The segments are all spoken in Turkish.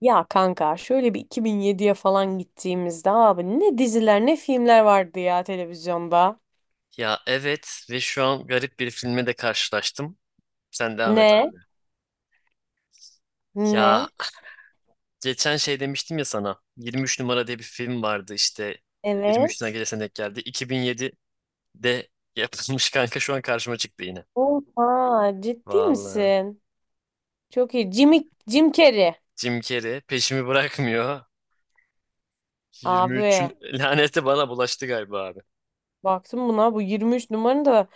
Ya kanka şöyle bir 2007'ye falan gittiğimizde abi ne diziler ne filmler vardı ya televizyonda. Ya, evet, ve şu an garip bir filme de karşılaştım. Sen devam et Ne? abi. Ya, Ne? geçen şey demiştim ya sana. 23 numara diye bir film vardı işte. 23'üne Evet. gelesen denk geldi. 2007'de yapılmış kanka, şu an karşıma çıktı yine. Oha, ciddi Vallahi. misin? Çok iyi. Jimmy, Jim Carrey. Jim Carrey peşimi bırakmıyor. Abi 23'ün laneti bana bulaştı galiba abi. baktım buna, bu 23 numaranın da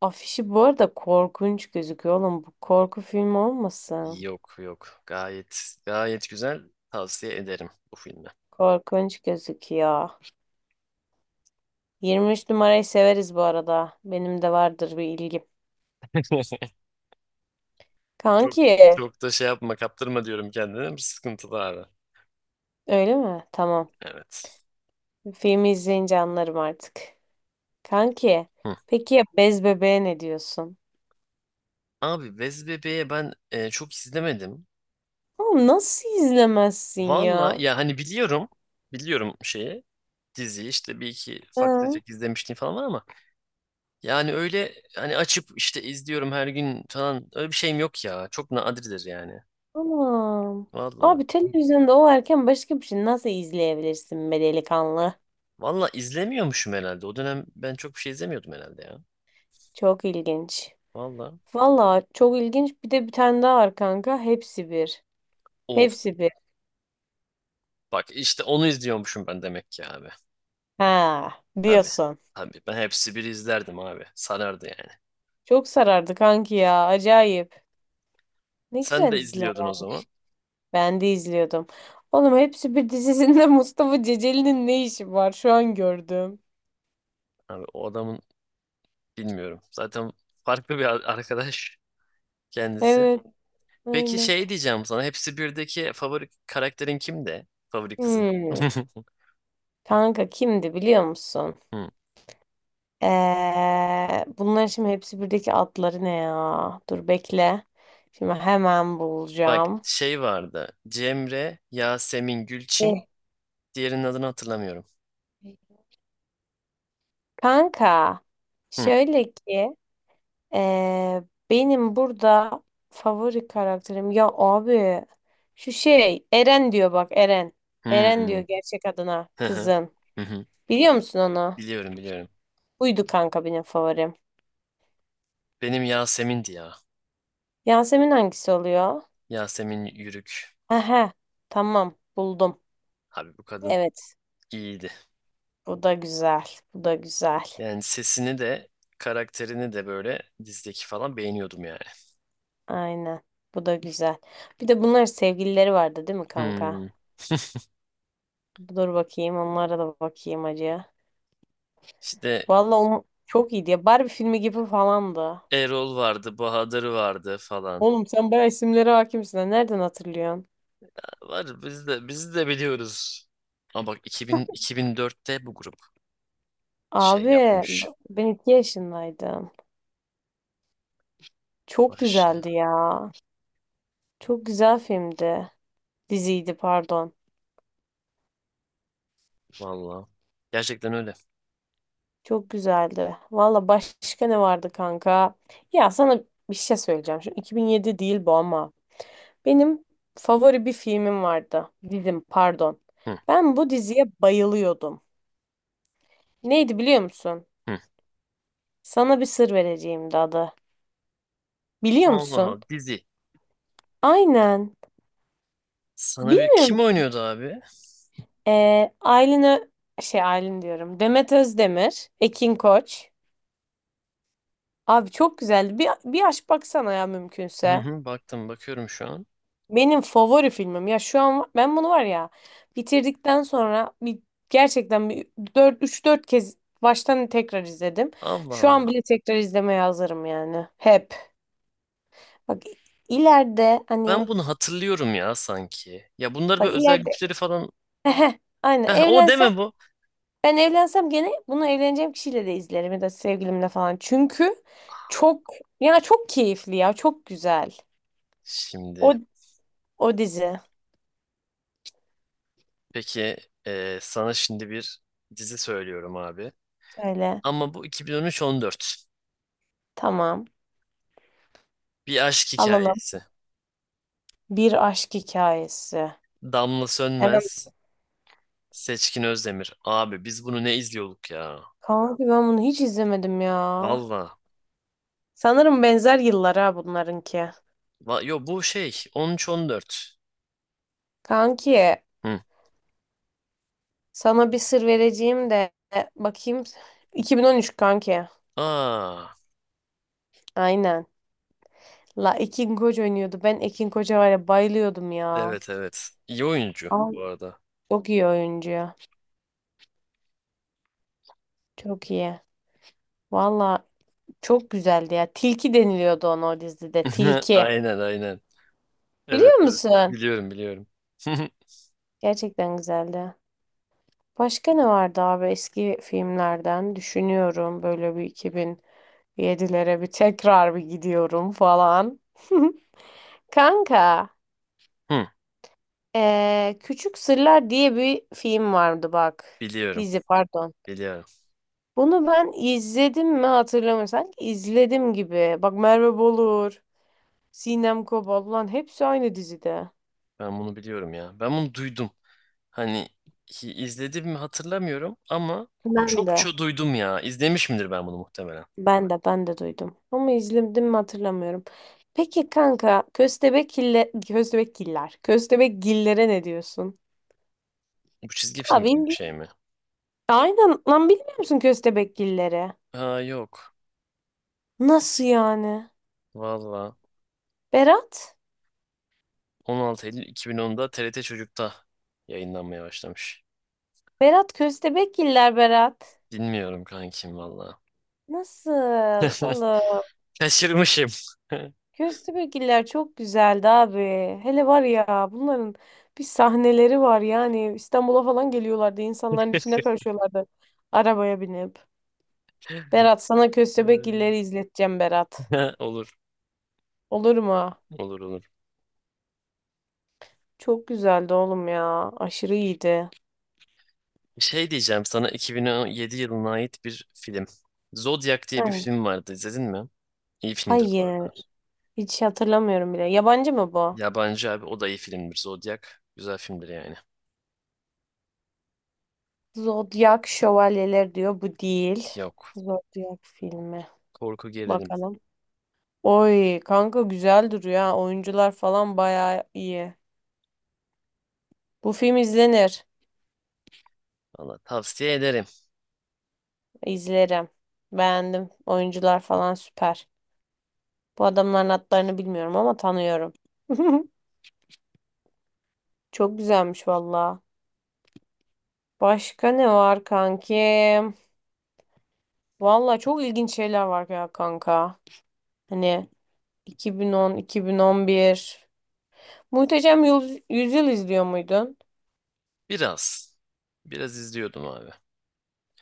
afişi bu arada korkunç gözüküyor oğlum. Bu korku filmi olmasın? Yok, yok. Gayet gayet güzel. Tavsiye ederim bu filmi. Korkunç gözüküyor. 23 numarayı severiz bu arada. Benim de vardır bir ilgim. Çok Kanki, çok da şey yapma, kaptırma diyorum kendine. Sıkıntılı abi. öyle mi? Tamam. Evet. Filmi izleyince anlarım artık. Kanki, Hı. peki ya Bez Bebeğe ne diyorsun? Abi, Bez Bebe'ye ben çok izlemedim. Oğlum nasıl izlemezsin Valla ya? ya, hani biliyorum. Biliyorum şeyi. Diziyi işte bir iki ufak Hı. tefek izlemiştim falan var ama yani öyle hani açıp işte izliyorum her gün falan, öyle bir şeyim yok ya. Çok nadirdir yani. Tamam. Valla. Abi televizyonda o erken başka bir şey nasıl izleyebilirsin be delikanlı? Valla izlemiyormuşum herhalde. O dönem ben çok bir şey izlemiyordum herhalde ya. Çok ilginç. Valla. Valla çok ilginç. Bir de bir tane daha var kanka. Hepsi bir. Of. Hepsi bir. Bak işte onu izliyormuşum ben demek ki abi. Ha, Tabii. diyorsun. Tabii. Ben hepsi bir izlerdim abi. Sarardı yani. Çok sarardı kanki ya. Acayip. Ne Sen güzel de diziler. izliyordun o zaman. Ben de izliyordum. Oğlum, hepsi bir dizisinde Mustafa Ceceli'nin ne işi var? Şu an gördüm. Abi o adamın... Bilmiyorum. Zaten farklı bir arkadaş kendisi. Evet, Peki aynen. şey diyeceğim sana. Hepsi birdeki favori karakterin kimdi? Favori kızın. Hmm. Kanka, kimdi biliyor musun? Hı. Bunların şimdi hepsi birdeki adları ne ya? Dur bekle. Şimdi hemen Bak bulacağım. şey vardı. Cemre, Yasemin, Gülçin. Eh. Diğerinin adını hatırlamıyorum. Kanka Hı. şöyle ki, Ee, benim burada favori karakterim ya abi, şu şey Eren diyor, bak, Eren. Eren diyor Hı. gerçek adına Hı hı. kızın. Hı hı. Biliyor musun onu? Biliyorum, biliyorum. Buydu kanka benim favorim. Benim Yasemin'di ya. Yasemin hangisi oluyor? Yasemin Yürük. Aha, tamam, buldum. Abi bu kadın Evet, iyiydi. bu da güzel. Bu da güzel. Yani sesini de karakterini de böyle dizdeki falan beğeniyordum yani. Aynen. Bu da güzel. Bir de bunlar sevgilileri vardı değil mi kanka? Hmm. Dur bakayım, onlara da bakayım acı. İşte Vallahi onu çok iyiydi ya. Barbie filmi gibi falandı. Erol vardı, Bahadır vardı falan. Oğlum, sen bayağı isimlere hakimsin, ha. Nereden hatırlıyorsun? Var, biz de biliyoruz. Ama bak 2000, 2004'te bu grup şey Abi yapmış. ben iki yaşındaydım. Çok güzeldi Maşallah. ya. Çok güzel filmdi. Diziydi, pardon. Vallahi. Gerçekten öyle. Çok güzeldi. Valla başka ne vardı kanka? Ya sana bir şey söyleyeceğim. Şimdi 2007 değil bu ama. Benim favori bir filmim vardı. Dizim, pardon. Hı, Ben bu diziye bayılıyordum. Neydi biliyor musun? hı. Sana bir sır vereceğim de adı. Biliyor Allah musun? Allah dizi. Aynen. Sana bir Bilmiyorum. Kim oynuyordu abi? Aylin Ö- şey Aylin diyorum. Demet Özdemir, Ekin Koç. Abi çok güzeldi. Bir aç baksana ya, Hı mümkünse. hı, bakıyorum şu an. Benim favori filmim. Ya şu an ben bunu var ya, bitirdikten sonra bir gerçekten bir 4 3-4 kez baştan tekrar izledim. Allah Şu an Allah. bile tekrar izlemeye hazırım yani. Hep. Bak ileride hani Ben bunu hatırlıyorum ya sanki. Ya bunlar bak, böyle özel ileride güçleri falan. Aynen Heh, o evlensem deme bu. ben evlensem, gene bunu evleneceğim kişiyle de izlerim ya da sevgilimle falan. Çünkü çok, ya çok keyifli, ya çok güzel. Şimdi O, o dizi. peki, sana şimdi bir dizi söylüyorum abi. Söyle. Ama bu 2013-14. Tamam. Bir aşk Alalım. hikayesi. Bir aşk hikayesi. Damla Hemen. Sönmez, Seçkin Özdemir. Abi biz bunu ne izliyorduk ya? Kanki, ben bunu hiç izlemedim ya. Valla. Sanırım benzer yıllara, ha, bunlarınki. Va yo bu şey 13-14. Kanki, Hı. sana bir sır vereceğim de bakayım. 2013 kanki. Aa, Aynen. La, Ekin Koç oynuyordu. Ben Ekin Koç'a var ya, bayılıyordum ya. evet, evet. İyi oyuncu Aa. bu arada. Çok iyi oyuncu. Çok iyi. Valla çok güzeldi ya. Tilki deniliyordu ona o dizide. Tilki. Aynen, aynen. Evet, Biliyor evet. musun? Biliyorum, biliyorum. Gerçekten güzeldi. Başka ne vardı abi eski filmlerden? Düşünüyorum, böyle bir 2007'lere bir tekrar bir gidiyorum falan. Kanka, Hı, Küçük Sırlar diye bir film vardı bak. biliyorum, Dizi, pardon. biliyorum. Bunu ben izledim mi hatırlamıyorum. Sanki izledim gibi. Bak, Merve Bolur, Sinem Kobal. Ulan hepsi aynı dizide. Ben bunu biliyorum ya. Ben bunu duydum. Hani izledim mi hatırlamıyorum ama Ben çok de, çok duydum ya. İzlemiş midir ben bunu muhtemelen? ben de duydum. Ama izledim mi hatırlamıyorum. Peki kanka, köstebekgillere ne diyorsun? Bu çizgi film Abi, gibi bir şey mi? aynen lan, bilmiyor musun köstebekgilleri? Ha yok. Nasıl yani? Valla Berat? 16 Eylül 2010'da TRT Çocuk'ta yayınlanmaya başlamış. Berat, köstebekgiller Berat. Bilmiyorum kankim valla. Nasıl oğlum? Kaçırmışım. Köstebekgiller çok güzeldi abi. Hele var ya, bunların bir sahneleri var yani, İstanbul'a falan geliyorlardı. İnsanların içine karışıyorlardı arabaya binip. Berat, sana Köstebek illeri izleteceğim Berat. Olur, Olur mu? olur, olur. Çok güzeldi oğlum ya. Aşırı iyiydi. Şey diyeceğim sana 2017 yılına ait bir film. Zodiac diye bir Aynen. film vardı. İzledin mi? İyi filmdir bu Hayır. arada. Hiç hatırlamıyorum bile. Yabancı mı bu? Yabancı abi, o da iyi filmdir. Zodiac güzel filmdir yani. Zodyak Şövalyeler diyor. Bu değil. Yok. Zodyak filmi. Korku gerilim. Bakalım. Oy kanka, güzel duruyor ha. Oyuncular falan bayağı iyi. Bu film izlenir. Valla tavsiye ederim. İzlerim. Beğendim. Oyuncular falan süper. Bu adamların adlarını bilmiyorum ama tanıyorum. Çok güzelmiş valla. Başka ne var kankim? Valla çok ilginç şeyler var ya kanka. Hani 2010, 2011. Muhteşem Yüzyıl izliyor muydun? Biraz. Biraz izliyordum abi.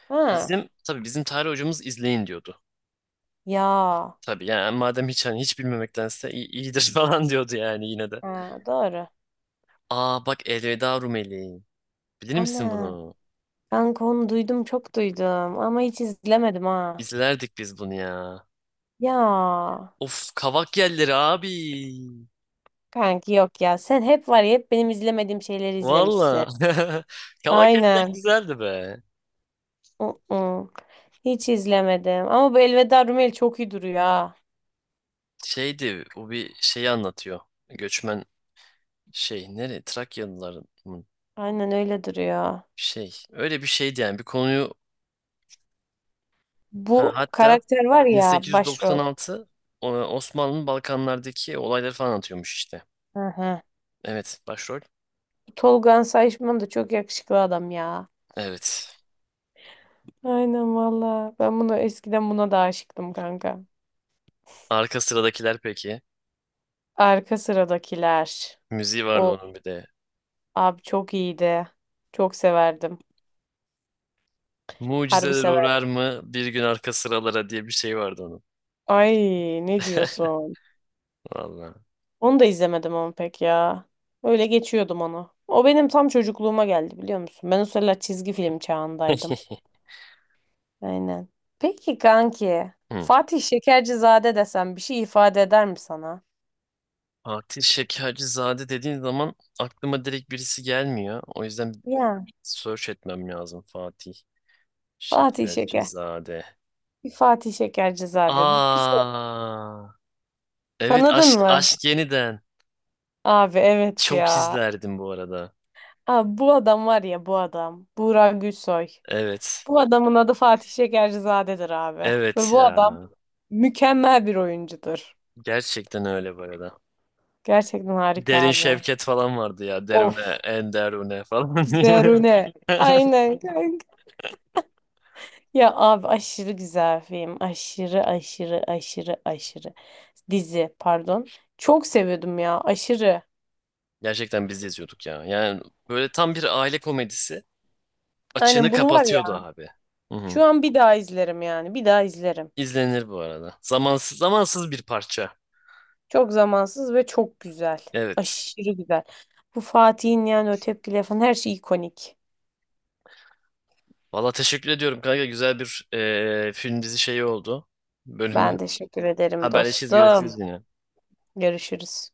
Ha. Bizim, tabii, bizim tarih hocamız izleyin diyordu. Ya. Tabii yani, madem hiç hani hiç bilmemektense iyidir falan diyordu yani yine de. Ha, doğru. Aa bak, Elveda Rumeli. Bilir misin Ana. bunu? Kanka, onu duydum, çok duydum ama hiç izlemedim ha. İzlerdik biz bunu ya. Ya. Of, kavak yelleri abi. Kanki yok ya. Sen hep var ya, hep benim izlemediğim şeyleri izlemişsin. Valla. Kavak yeller Aynen. güzeldi be. Uh-uh. Hiç izlemedim. Ama bu Elveda Rumeli çok iyi duruyor ha. Şeydi bu, bir şeyi anlatıyor. Göçmen şey, nere, Trakyalıların mı? Aynen öyle duruyor. Şey öyle bir şeydi yani, bir konuyu. Ha, Bu hatta karakter var ya, başrol. 1896 o- Osmanlı'nın Balkanlardaki olayları falan atıyormuş işte. Hı hı. Evet, başrol. Tolga Sayışman da çok yakışıklı adam ya. Evet. Aynen valla. Ben bunu eskiden, buna da aşıktım kanka. Arka sıradakiler peki. Arka sıradakiler. Müziği vardı O onun bir de. abi çok iyiydi. Çok severdim. Harbi Mucizeler severdim. uğrar mı bir gün arka sıralara diye bir şey vardı onun. Ay, ne diyorsun? Vallahi. Onu da izlemedim ama pek ya. Öyle geçiyordum onu. O benim tam çocukluğuma geldi, biliyor musun? Ben o sıralar çizgi film çağındaydım. Aynen. Peki kanki, Hı. Fatih Şekercizade desem bir şey ifade eder mi sana? Fatih Şekercizade dediğin zaman aklıma direkt birisi gelmiyor. O yüzden Ya. search etmem lazım Fatih Fatih Şeker. Şekercizade. Bir Fatih Şekercizade. Bir şey. Aa, evet, Tanıdın aşk mı? aşk yeniden. Abi evet Çok ya. izlerdim bu arada. Abi, bu adam var ya, bu adam. Buğra Gülsoy. Evet. Bu adamın adı Fatih Şekercizade'dir abi. Ve Evet bu adam ya. mükemmel bir oyuncudur. Gerçekten öyle bu arada. Gerçekten harika Derin abi. Şevket falan vardı ya. Derune, Of. en derune falan diye. Derune. Aynen kanka. Ya abi, aşırı güzel film. Aşırı aşırı aşırı aşırı. Dizi, pardon. Çok seviyordum ya, aşırı. Gerçekten biz yazıyorduk ya. Yani böyle tam bir aile komedisi. Açığını Aynen, bunu var kapatıyordu ya, abi. Hı hı. şu an bir daha izlerim yani. Bir daha izlerim. İzlenir bu arada. Zamansız, zamansız bir parça. Çok zamansız ve çok güzel. Evet. Aşırı güzel. Bu Fatih'in yani, o tepkileri falan, her şey ikonik. Valla teşekkür ediyorum kanka. Güzel bir film dizi şeyi oldu. Bölümü. Ben teşekkür ederim Haberleşiriz. dostum. Görüşürüz yine. Görüşürüz.